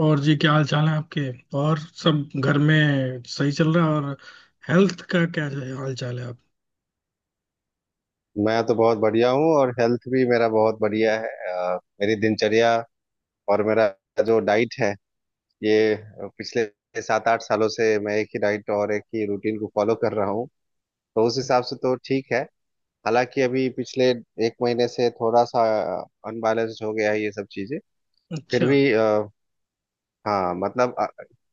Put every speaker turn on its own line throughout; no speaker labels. और जी क्या हाल चाल है आपके। और सब घर में सही चल रहा है। और हेल्थ का क्या हाल चाल है आप।
मैं तो बहुत बढ़िया हूँ और हेल्थ भी मेरा बहुत बढ़िया है। मेरी दिनचर्या और मेरा जो डाइट है ये पिछले 7 8 सालों से मैं एक ही डाइट और एक ही रूटीन को फॉलो कर रहा हूँ। तो उस हिसाब से तो ठीक है। हालांकि अभी पिछले एक महीने से थोड़ा सा अनबैलेंस्ड हो गया है ये सब चीजें। फिर
अच्छा।
भी हाँ मतलब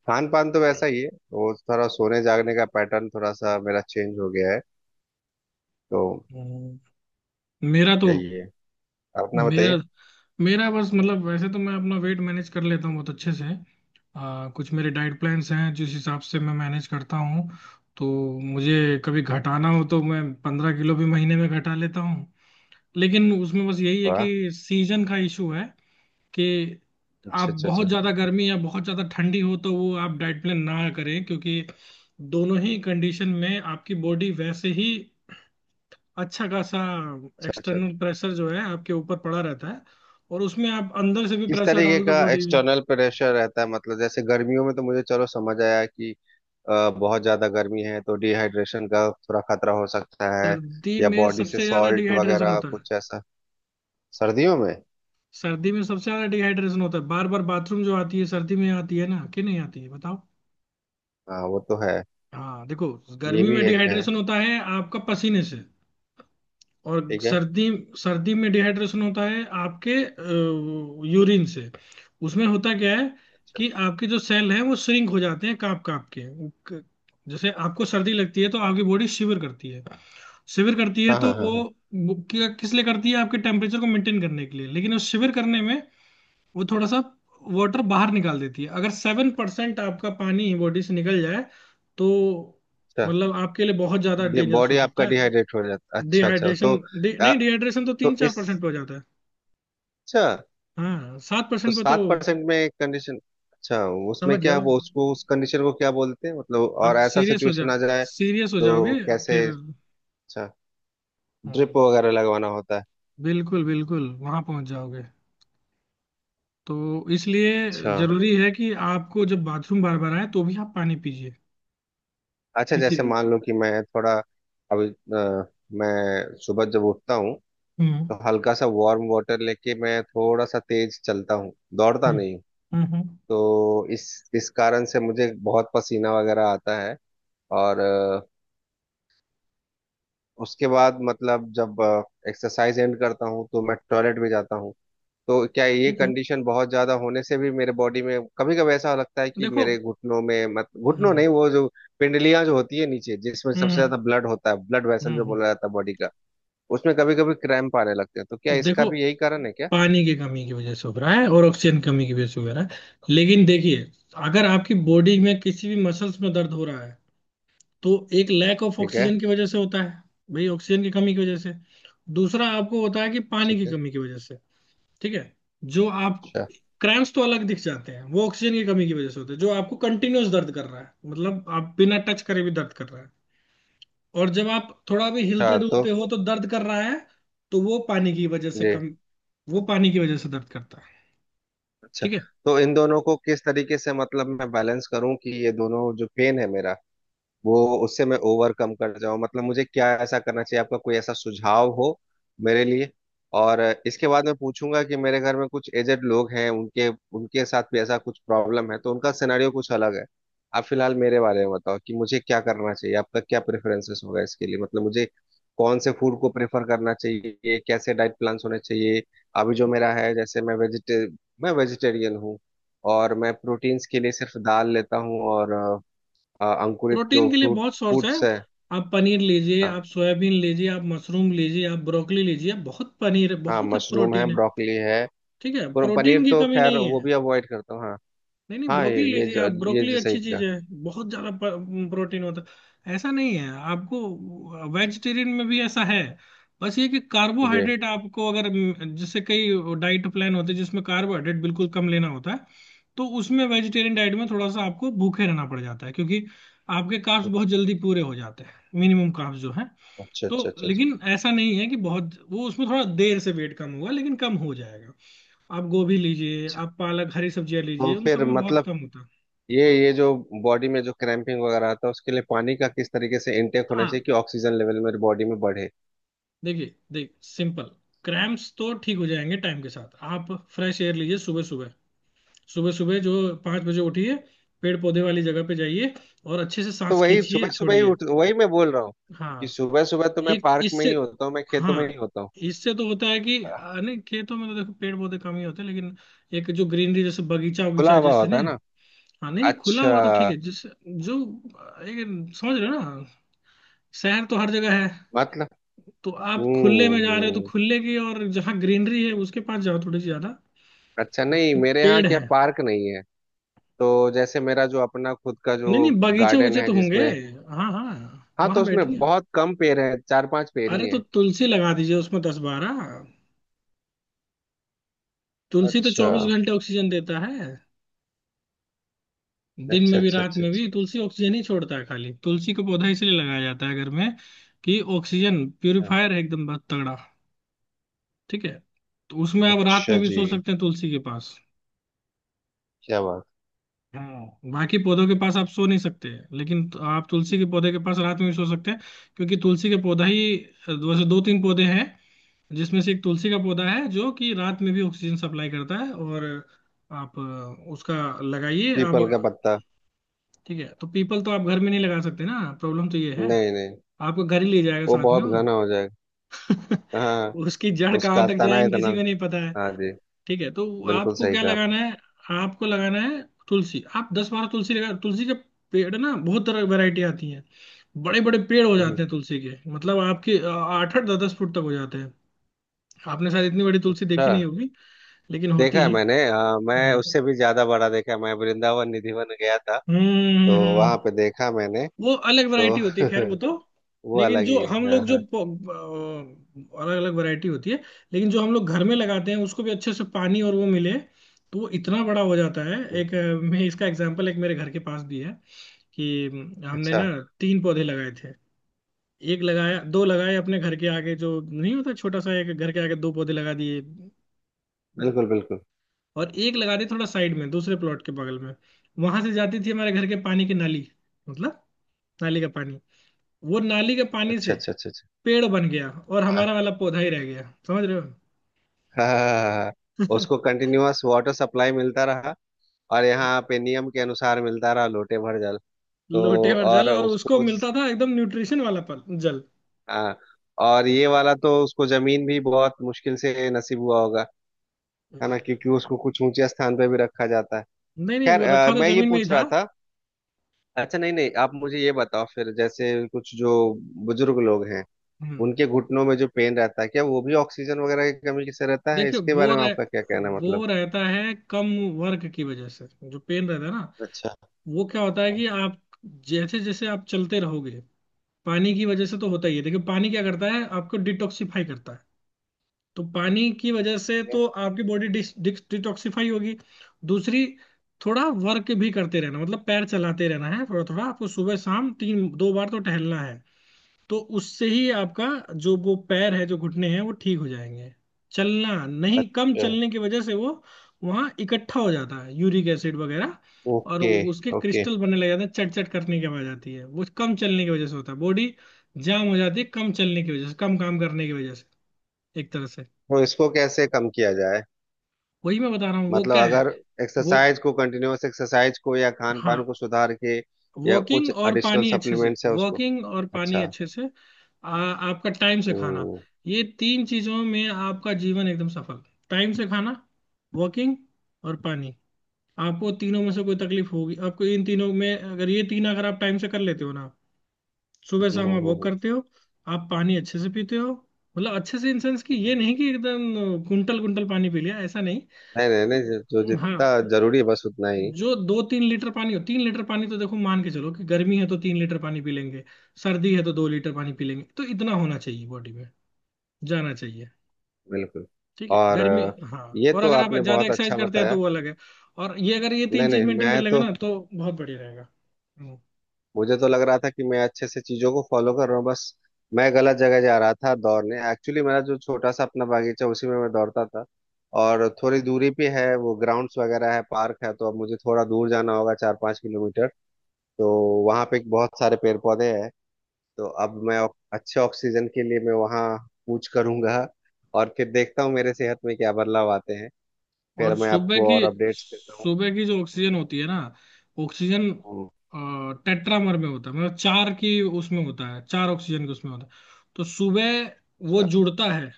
खान पान तो वैसा ही है, वो थोड़ा सोने जागने का पैटर्न थोड़ा सा मेरा चेंज हो गया है। तो
हम्म, मेरा तो
यही है, अपना
मेरा
बताइए।
मेरा बस मतलब वैसे तो मैं अपना वेट मैनेज कर लेता हूँ बहुत अच्छे से। कुछ मेरे डाइट प्लान्स हैं जिस हिसाब से मैं मैनेज करता हूँ। तो मुझे कभी घटाना हो तो मैं 15 किलो भी महीने में घटा लेता हूँ। लेकिन उसमें बस यही है
वाह।
कि सीजन का इशू है कि आप
अच्छा अच्छा
बहुत
अच्छा।
ज्यादा गर्मी या बहुत ज्यादा ठंडी हो तो वो आप डाइट प्लान ना करें क्योंकि दोनों ही कंडीशन में आपकी बॉडी वैसे ही अच्छा खासा
अच्छा, अच्छा।
एक्सटर्नल प्रेशर जो है आपके ऊपर पड़ा रहता है। और उसमें आप अंदर से भी
किस
प्रेशर
तरीके
डाल दो
का
बॉडी में।
एक्सटर्नल प्रेशर रहता है? मतलब जैसे गर्मियों में तो मुझे, चलो समझ आया कि बहुत ज्यादा गर्मी है तो डिहाइड्रेशन का थोड़ा खतरा हो सकता है,
सर्दी
या
में
बॉडी से
सबसे ज्यादा
सॉल्ट
डिहाइड्रेशन
वगैरह
होता है।
कुछ ऐसा। सर्दियों में?
सर्दी में सबसे ज्यादा डिहाइड्रेशन होता है। बार बार बाथरूम जो आती है सर्दी में आती है ना कि नहीं आती है बताओ।
हाँ वो तो है।
हाँ देखो,
ये
गर्मी
भी
में
एक है।
डिहाइड्रेशन होता है आपका पसीने से। और
ठीक है।
सर्दी सर्दी में डिहाइड्रेशन होता है आपके यूरिन से। उसमें होता क्या है
अच्छा।
कि आपके जो सेल हैं वो श्रिंक हो जाते हैं कांप कांप के। जैसे आपको सर्दी लगती है तो आपकी बॉडी शिवर करती है। शिवर करती है
हाँ
तो
हाँ हाँ
वो
हाँ।
किस लिए करती है आपके टेम्परेचर को मेंटेन करने के लिए, लेकिन उस शिवर करने में वो थोड़ा सा वाटर बाहर निकाल देती है। अगर 7% आपका पानी बॉडी से निकल जाए तो
अच्छा,
मतलब आपके लिए बहुत ज्यादा डेंजरस हो
बॉडी
सकता
आपका
है।
डिहाइड्रेट हो जाता। अच्छा अच्छा। तो
डिहाइड्रेशन
आ,
नहीं, डिहाइड्रेशन तो तीन
तो
चार
इस,
परसेंट पे हो जाता है।
अच्छा।
हाँ सात
तो
परसेंट पे तो
7% में कंडीशन, अच्छा। उसमें
समझ
क्या,
जाओ
वो उसको उस कंडीशन को क्या बोलते हैं मतलब?
आप
और ऐसा
सीरियस हो
सिचुएशन आ
जाओ।
जाए
सीरियस हो
तो
जाओगे
कैसे?
फिर।
अच्छा,
हाँ,
ड्रिप वगैरह लगवाना होता है?
बिल्कुल बिल्कुल वहां पहुंच जाओगे। तो इसलिए
अच्छा।
जरूरी है कि आपको जब बाथरूम बार बार आए तो भी आप पानी पीजिए।
अच्छा
किसी
जैसे मान लो कि मैं थोड़ा, अभी मैं सुबह जब उठता हूँ
हम्म
तो हल्का सा वार्म वाटर लेके मैं थोड़ा सा तेज चलता हूँ, दौड़ता
हम्म
नहीं हूँ।
हम्म।
तो इस कारण से मुझे बहुत पसीना वगैरह आता है और उसके बाद मतलब जब एक्सरसाइज एंड करता हूँ तो मैं टॉयलेट भी जाता हूँ। तो क्या ये
ठीक है
कंडीशन बहुत ज्यादा होने से भी मेरे बॉडी में कभी कभी ऐसा लगता है कि
देखो।
मेरे घुटनों में, मत घुटनों
हम्म
नहीं वो जो पिंडलियां जो होती है नीचे जिसमें सबसे
हम्म
ज्यादा ब्लड होता है, ब्लड वेसल
हम्म
जो
हम्म।
बोला जाता है बॉडी का, उसमें कभी कभी क्रैम्प आने लगते हैं, तो क्या इसका
देखो,
भी यही कारण है क्या?
पानी की कमी की वजह से हो रहा है और ऑक्सीजन कमी की वजह से हो रहा है। लेकिन देखिए, अगर आपकी बॉडी में किसी भी मसल्स में दर्द हो रहा है तो एक लैक ऑफ
ठीक है।
ऑक्सीजन की वजह से होता है भाई, ऑक्सीजन की कमी की वजह से। दूसरा आपको होता है कि पानी
ठीक
की
है।
कमी की वजह से। ठीक है, जो आप
अच्छा।
क्रैम्स तो अलग दिख जाते हैं वो ऑक्सीजन की कमी की वजह से होते हैं। जो आपको कंटिन्यूअस दर्द कर रहा है मतलब आप बिना टच करे भी दर्द कर रहा है और जब आप थोड़ा भी हिलते
हाँ तो
डुलते हो तो दर्द कर रहा है, तो
ये,
वो पानी की वजह से दर्द करता है।
अच्छा।
ठीक है,
तो इन दोनों को किस तरीके से मतलब मैं बैलेंस करूं कि ये दोनों जो पेन है मेरा, वो, उससे मैं ओवरकम कर जाऊं। मतलब मुझे क्या ऐसा करना चाहिए, आपका कोई ऐसा सुझाव हो मेरे लिए? और इसके बाद मैं पूछूंगा कि मेरे घर में कुछ एजेड लोग हैं, उनके उनके साथ भी ऐसा कुछ प्रॉब्लम है, तो उनका सिनेरियो कुछ अलग है। आप फिलहाल मेरे बारे में बताओ कि मुझे क्या करना चाहिए, आपका क्या प्रेफरेंसेस होगा इसके लिए मतलब। मुझे कौन से फूड को प्रेफर करना चाहिए, कैसे डाइट प्लान्स होने चाहिए? अभी जो मेरा है, जैसे मैं वेजिटेरियन हूँ और मैं प्रोटीन्स के लिए सिर्फ दाल लेता हूँ और अंकुरित
प्रोटीन
जो
के लिए
फ्रूट,
बहुत सोर्स है।
फ्रूट्स है।
आप पनीर लीजिए,
हाँ
आप सोयाबीन लीजिए, आप मशरूम लीजिए, आप ब्रोकली लीजिए। बहुत पनीर है,
हाँ,
बहुत
मशरूम है,
प्रोटीन है।
ब्रोकली है।
ठीक है,
पर पनीर
प्रोटीन की
तो
कमी
खैर
नहीं
वो
है।
भी अवॉइड करता हूँ हाँ।
नहीं नहीं,
हाँ
ब्रोकली
ये
लीजिए आप,
ये
ब्रोकली
जो सही
अच्छी चीज
कहा।
है। बहुत ज्यादा प्रोटीन होता है ऐसा नहीं है आपको, वेजिटेरियन में भी ऐसा है। बस ये कि
जी।
कार्बोहाइड्रेट आपको अगर जैसे कई डाइट प्लान होते हैं जिसमें कार्बोहाइड्रेट बिल्कुल कम लेना होता है, तो उसमें वेजिटेरियन डाइट में थोड़ा सा आपको भूखे रहना पड़ जाता है क्योंकि आपके कार्ब्स बहुत जल्दी पूरे हो जाते हैं मिनिमम कार्ब्स जो है।
अच्छा
तो
अच्छा अच्छा अच्छा।
लेकिन ऐसा नहीं है कि बहुत वो उसमें थोड़ा देर से वेट कम हुआ, लेकिन कम हो जाएगा। आप गोभी लीजिए,
अच्छा।
आप पालक हरी सब्जियां
तो
लीजिए, उन सब
फिर
में बहुत
मतलब
कम होता है।
ये जो बॉडी में जो क्रैम्पिंग वगैरह आता है उसके लिए पानी का किस तरीके से इनटेक होना
हाँ
चाहिए कि ऑक्सीजन लेवल मेरे बॉडी में बढ़े?
देखिए, देख सिंपल क्रैम्प्स तो ठीक हो जाएंगे टाइम के साथ। आप फ्रेश एयर लीजिए सुबह सुबह। सुबह सुबह जो 5 बजे उठिए, पेड़ पौधे वाली जगह पे जाइए, और अच्छे से
तो
सांस
वही
खींचिए
सुबह सुबह ही
छोड़िए।
उठ, वही मैं बोल रहा हूँ कि
हाँ
सुबह सुबह तो मैं
एक
पार्क में
इससे,
ही होता हूँ, मैं
हाँ
खेतों में ही होता हूँ।
इससे तो होता है कि नहीं खेतों में तो देखो पेड़ पौधे कम ही होते हैं, लेकिन एक जो ग्रीनरी जैसे बगीचा
खुला
वगीचा
हवा
जैसे
होता
नहीं।
है ना।
हाँ नहीं नहीं, खुला
अच्छा,
हुआ तो ठीक है। एक समझ रहे हो ना, शहर तो हर जगह है।
मतलब।
तो आप खुले में जा रहे हो तो
हम्म।
खुले की और जहाँ ग्रीनरी है उसके पास जाओ थोड़ी सी ज्यादा।
अच्छा, नहीं मेरे यहाँ
पेड़
क्या
है,
पार्क नहीं है, तो जैसे मेरा जो अपना खुद का
नहीं
जो
नहीं बगीचे
गार्डन
उगीचे
है
तो होंगे।
जिसमें,
हाँ हाँ,
हाँ, तो
वहां
उसमें
बैठिए।
बहुत कम पेड़ हैं, 4 5 पेड़
अरे
ही
तो
हैं।
तुलसी लगा दीजिए उसमें 10-12। तुलसी तो
अच्छा
24 घंटे ऑक्सीजन देता है, दिन
अच्छा
में भी
अच्छा
रात
अच्छा।
में
अच्छा।
भी। तुलसी ऑक्सीजन ही छोड़ता है खाली। तुलसी का पौधा इसलिए लगाया जाता है घर में कि ऑक्सीजन प्यूरिफायर है एकदम बहुत तगड़ा। ठीक है, तो उसमें आप रात
अच्छा
में भी
जी,
सो सकते हैं तुलसी के पास।
क्या बात।
हाँ, बाकी पौधों के पास आप सो नहीं सकते, लेकिन तो आप तुलसी के पौधे के पास रात में भी सो सकते हैं, क्योंकि तुलसी के पौधा ही, वैसे 2-3 पौधे हैं जिसमें से एक तुलसी का पौधा है जो कि रात में भी ऑक्सीजन सप्लाई करता है। और आप उसका लगाइए आप।
पीपल का पत्ता।
ठीक है, तो पीपल तो आप घर में नहीं लगा सकते ना, प्रॉब्लम तो ये है।
नहीं नहीं,
आपको घर ही ले जाएगा
वो
साथ में
बहुत
वो।
घना हो जाएगा। हाँ,
उसकी जड़ कहाँ
उसका
तक
तना
जाएंगे किसी
इतना।
को नहीं पता।
हाँ जी,
ठीक है, तो
बिल्कुल
आपको
सही
क्या
कहा
लगाना
आपने।
है। आपको लगाना है तुलसी। आप 10-12 तुलसी लगा। तुलसी के पेड़ ना बहुत तरह की वैरायटी आती है। बड़े बड़े पेड़ हो
हम्म।
जाते हैं तुलसी के, मतलब आपके आठ आठ दस दस फुट तक हो जाते हैं। आपने शायद इतनी बड़ी तुलसी देखी नहीं
हाँ,
होगी, लेकिन होती
देखा है
है।
मैंने, हाँ, मैं
हम्म
उससे भी ज्यादा बड़ा देखा है, मैं वृंदावन निधिवन गया था,
हम्म
तो
हम्म,
वहां पे देखा मैंने।
वो अलग
तो
वैरायटी होती है, खैर वो तो।
वो
लेकिन
अलग
जो
ही है,
हम
हाँ
लोग जो
हाँ।
अलग अलग वैरायटी होती है। लेकिन जो हम लोग घर में लगाते हैं उसको भी अच्छे से पानी और वो मिले तो वो इतना बड़ा हो जाता है। एक मैं इसका एग्जांपल एक मेरे घर के पास भी है कि हमने
अच्छा।
ना 3 पौधे लगाए थे। एक लगाया, दो लगाए अपने घर के आगे जो नहीं होता छोटा सा एक। घर के आगे 2 पौधे लगा दिए
बिल्कुल बिल्कुल।
और एक लगा दिए थोड़ा साइड में दूसरे प्लॉट के बगल में। वहां से जाती थी हमारे घर के पानी की नाली, मतलब नाली का पानी। वो नाली के पानी
अच्छा
से
अच्छा अच्छा अच्छा।
पेड़ बन गया और हमारा
हाँ।
वाला पौधा ही रह गया। समझ रहे हो।
हाँ हाँ, हाँ, हाँ। उसको कंटिन्यूअस वाटर सप्लाई मिलता रहा, और यहाँ पे नियम के अनुसार मिलता रहा लोटे भर जल। तो
लोटे और
और
जल, और उसको
उसको,
मिलता था एकदम न्यूट्रिशन वाला पल जल।
हाँ, और ये वाला तो उसको जमीन भी बहुत मुश्किल से नसीब हुआ होगा, है ना, क्योंकि उसको कुछ ऊंचे स्थान पे भी रखा जाता है।
नहीं नहीं,
खैर
वो रखा तो
मैं ये
जमीन में ही
पूछ रहा
था।
था। अच्छा, नहीं नहीं, आप मुझे ये बताओ फिर, जैसे कुछ जो बुजुर्ग लोग हैं,
हम्म,
उनके घुटनों में जो पेन रहता है क्या वो भी ऑक्सीजन वगैरह की कमी से रहता है?
देखिए
इसके बारे में आपका क्या कहना है? मतलब।
वो रहता है कम वर्क की वजह से जो पेन रहता है ना।
अच्छा।
वो क्या होता है कि आप, जैसे जैसे आप चलते रहोगे, पानी की वजह से तो होता ही है। देखिए पानी क्या करता है, आपको डिटॉक्सिफाई करता है, तो पानी की वजह से
ठीक है।
तो आपकी बॉडी डिटॉक्सिफाई होगी। दूसरी, थोड़ा वर्क भी करते रहना, मतलब पैर चलाते रहना है थोड़ा थोड़ा। आपको सुबह शाम तीन दो बार तो टहलना है, तो उससे ही आपका जो वो पैर है जो घुटने हैं वो ठीक हो जाएंगे। चलना, नहीं कम
अच्छा।
चलने की वजह से वो वहाँ इकट्ठा हो जाता है यूरिक एसिड वगैरह, और
ओके।
उसके
ओके,
क्रिस्टल बनने लग जाते हैं, चट चट करने की आवाज आती है। वो कम चलने की वजह से होता है। बॉडी जाम हो जाती है कम चलने की वजह से, कम काम करने की वजह से, एक तरह से।
तो इसको कैसे कम किया जाए?
वही मैं बता रहा हूँ वो
मतलब
क्या है,
अगर
वो
एक्सरसाइज को कंटिन्यूअस एक्सरसाइज को या खान पान
हाँ,
को सुधार के, या
वॉकिंग
कुछ
और
एडिशनल
पानी अच्छे से,
सप्लीमेंट्स है उसको।
वॉकिंग और पानी
अच्छा।
अच्छे से। आपका टाइम से खाना,
हम्म
ये तीन चीजों में आपका जीवन एकदम सफल। टाइम से खाना, वॉकिंग, और पानी। आपको तीनों में से कोई तकलीफ होगी, आपको इन तीनों में, अगर ये तीन अगर आप टाइम से कर लेते हो ना, सुबह
हम्म,
शाम आप वॉक
हम्म।
करते हो, आप पानी अच्छे से पीते हो, मतलब अच्छे से इन सेंस कि ये
हम्म।
नहीं कि एकदम कुंटल कुंटल पानी पी लिया, ऐसा नहीं।
नहीं नहीं नहीं, जो जो
हाँ,
जितना जरूरी है बस उतना ही।
जो 2-3 लीटर पानी हो, तीन लीटर पानी, तो देखो मान के चलो कि गर्मी है तो 3 लीटर पानी पी लेंगे, सर्दी है तो 2 लीटर पानी पी लेंगे, तो इतना होना चाहिए बॉडी में जाना चाहिए।
बिल्कुल।
ठीक है
और
गर्मी। हाँ,
ये
और
तो
अगर आप
आपने
ज्यादा
बहुत
एक्सरसाइज
अच्छा
करते हैं तो
बताया।
वो अलग है, और ये अगर ये
नहीं
तीन चीज
नहीं,
मेंटेन कर
मैं
लेंगे
तो,
ना तो बहुत बढ़िया रहेगा। हम्म।
मुझे तो लग रहा था कि मैं अच्छे से चीजों को फॉलो कर रहा हूँ, बस मैं गलत जगह जा रहा था दौड़ने। एक्चुअली मेरा जो छोटा सा अपना बागीचा उसी में मैं दौड़ता था, और थोड़ी दूरी पे है वो ग्राउंड्स वगैरह है, पार्क है, तो अब मुझे थोड़ा दूर जाना होगा, 4 5 किलोमीटर। तो वहाँ पे बहुत सारे पेड़ पौधे हैं, तो अब मैं अच्छे ऑक्सीजन के लिए मैं वहाँ कूच करूंगा, और फिर देखता हूँ मेरे सेहत में क्या बदलाव आते हैं,
और
फिर मैं
सुबह
आपको
की,
और अपडेट्स देता हूँ।
सुबह की जो ऑक्सीजन होती है ना, ऑक्सीजन
हम्म,
टेट्रामर में होता है, मतलब चार की उसमें होता है, चार ऑक्सीजन के उसमें होता है। तो सुबह वो
अच्छा।
जुड़ता है,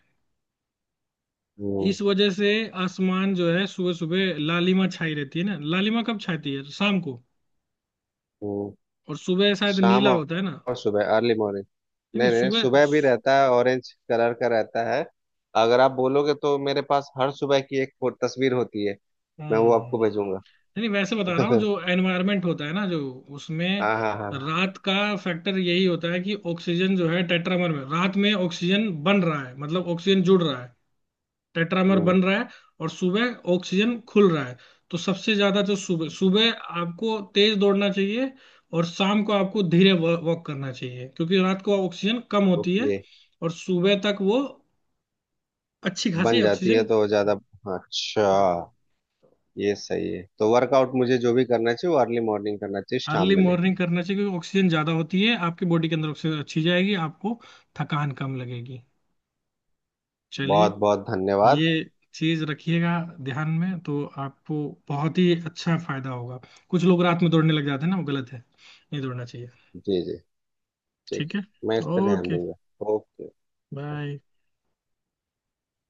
हम्म
इस वजह से आसमान जो है सुबह सुबह लालिमा छाई रहती है ना। लालिमा कब छाती है, शाम को।
हम्म।
और सुबह शायद
शाम
नीला
और
होता है ना। नहीं,
और सुबह अर्ली मॉर्निंग।
नहीं
नहीं नहीं,
सुबह
सुबह भी रहता है ऑरेंज कलर का रहता है, अगर आप बोलोगे तो मेरे पास हर सुबह की एक तस्वीर होती है, मैं वो
हम्म।
आपको
नहीं नहीं, वैसे
भेजूंगा।
बता रहा हूँ जो एनवायरनमेंट होता है ना जो, उसमें
हाँ हाँ हाँ हाँ।
रात का फैक्टर यही होता है कि ऑक्सीजन जो है टेट्रामर में, रात में ऑक्सीजन बन रहा है, मतलब ऑक्सीजन जुड़ रहा है, टेट्रामर
हम्म,
बन रहा है, और सुबह ऑक्सीजन खुल रहा है। तो सबसे ज्यादा तो सुबह सुबह आपको तेज दौड़ना चाहिए, और शाम को आपको धीरे वॉक करना चाहिए, क्योंकि रात को ऑक्सीजन कम होती है
ओके।
और सुबह तक वो अच्छी खासी
बन जाती है
ऑक्सीजन।
तो ज्यादा,
हाँ
अच्छा।
हाँ,
ये सही है, तो वर्कआउट मुझे जो भी करना चाहिए वो अर्ली मॉर्निंग करना चाहिए
अर्ली
शाम में नहीं?
मॉर्निंग करना चाहिए क्योंकि ऑक्सीजन ज्यादा होती है, आपकी बॉडी के अंदर ऑक्सीजन अच्छी जाएगी, आपको थकान कम लगेगी। चलिए,
बहुत बहुत धन्यवाद।
ये चीज रखिएगा ध्यान में तो आपको बहुत ही अच्छा फायदा होगा। कुछ लोग रात में दौड़ने लग जाते हैं ना, वो गलत है, नहीं दौड़ना चाहिए।
जी जी। ठीक।
ठीक है।
मैं इस पर ध्यान
ओके।
दूंगा। ओके।
बाय।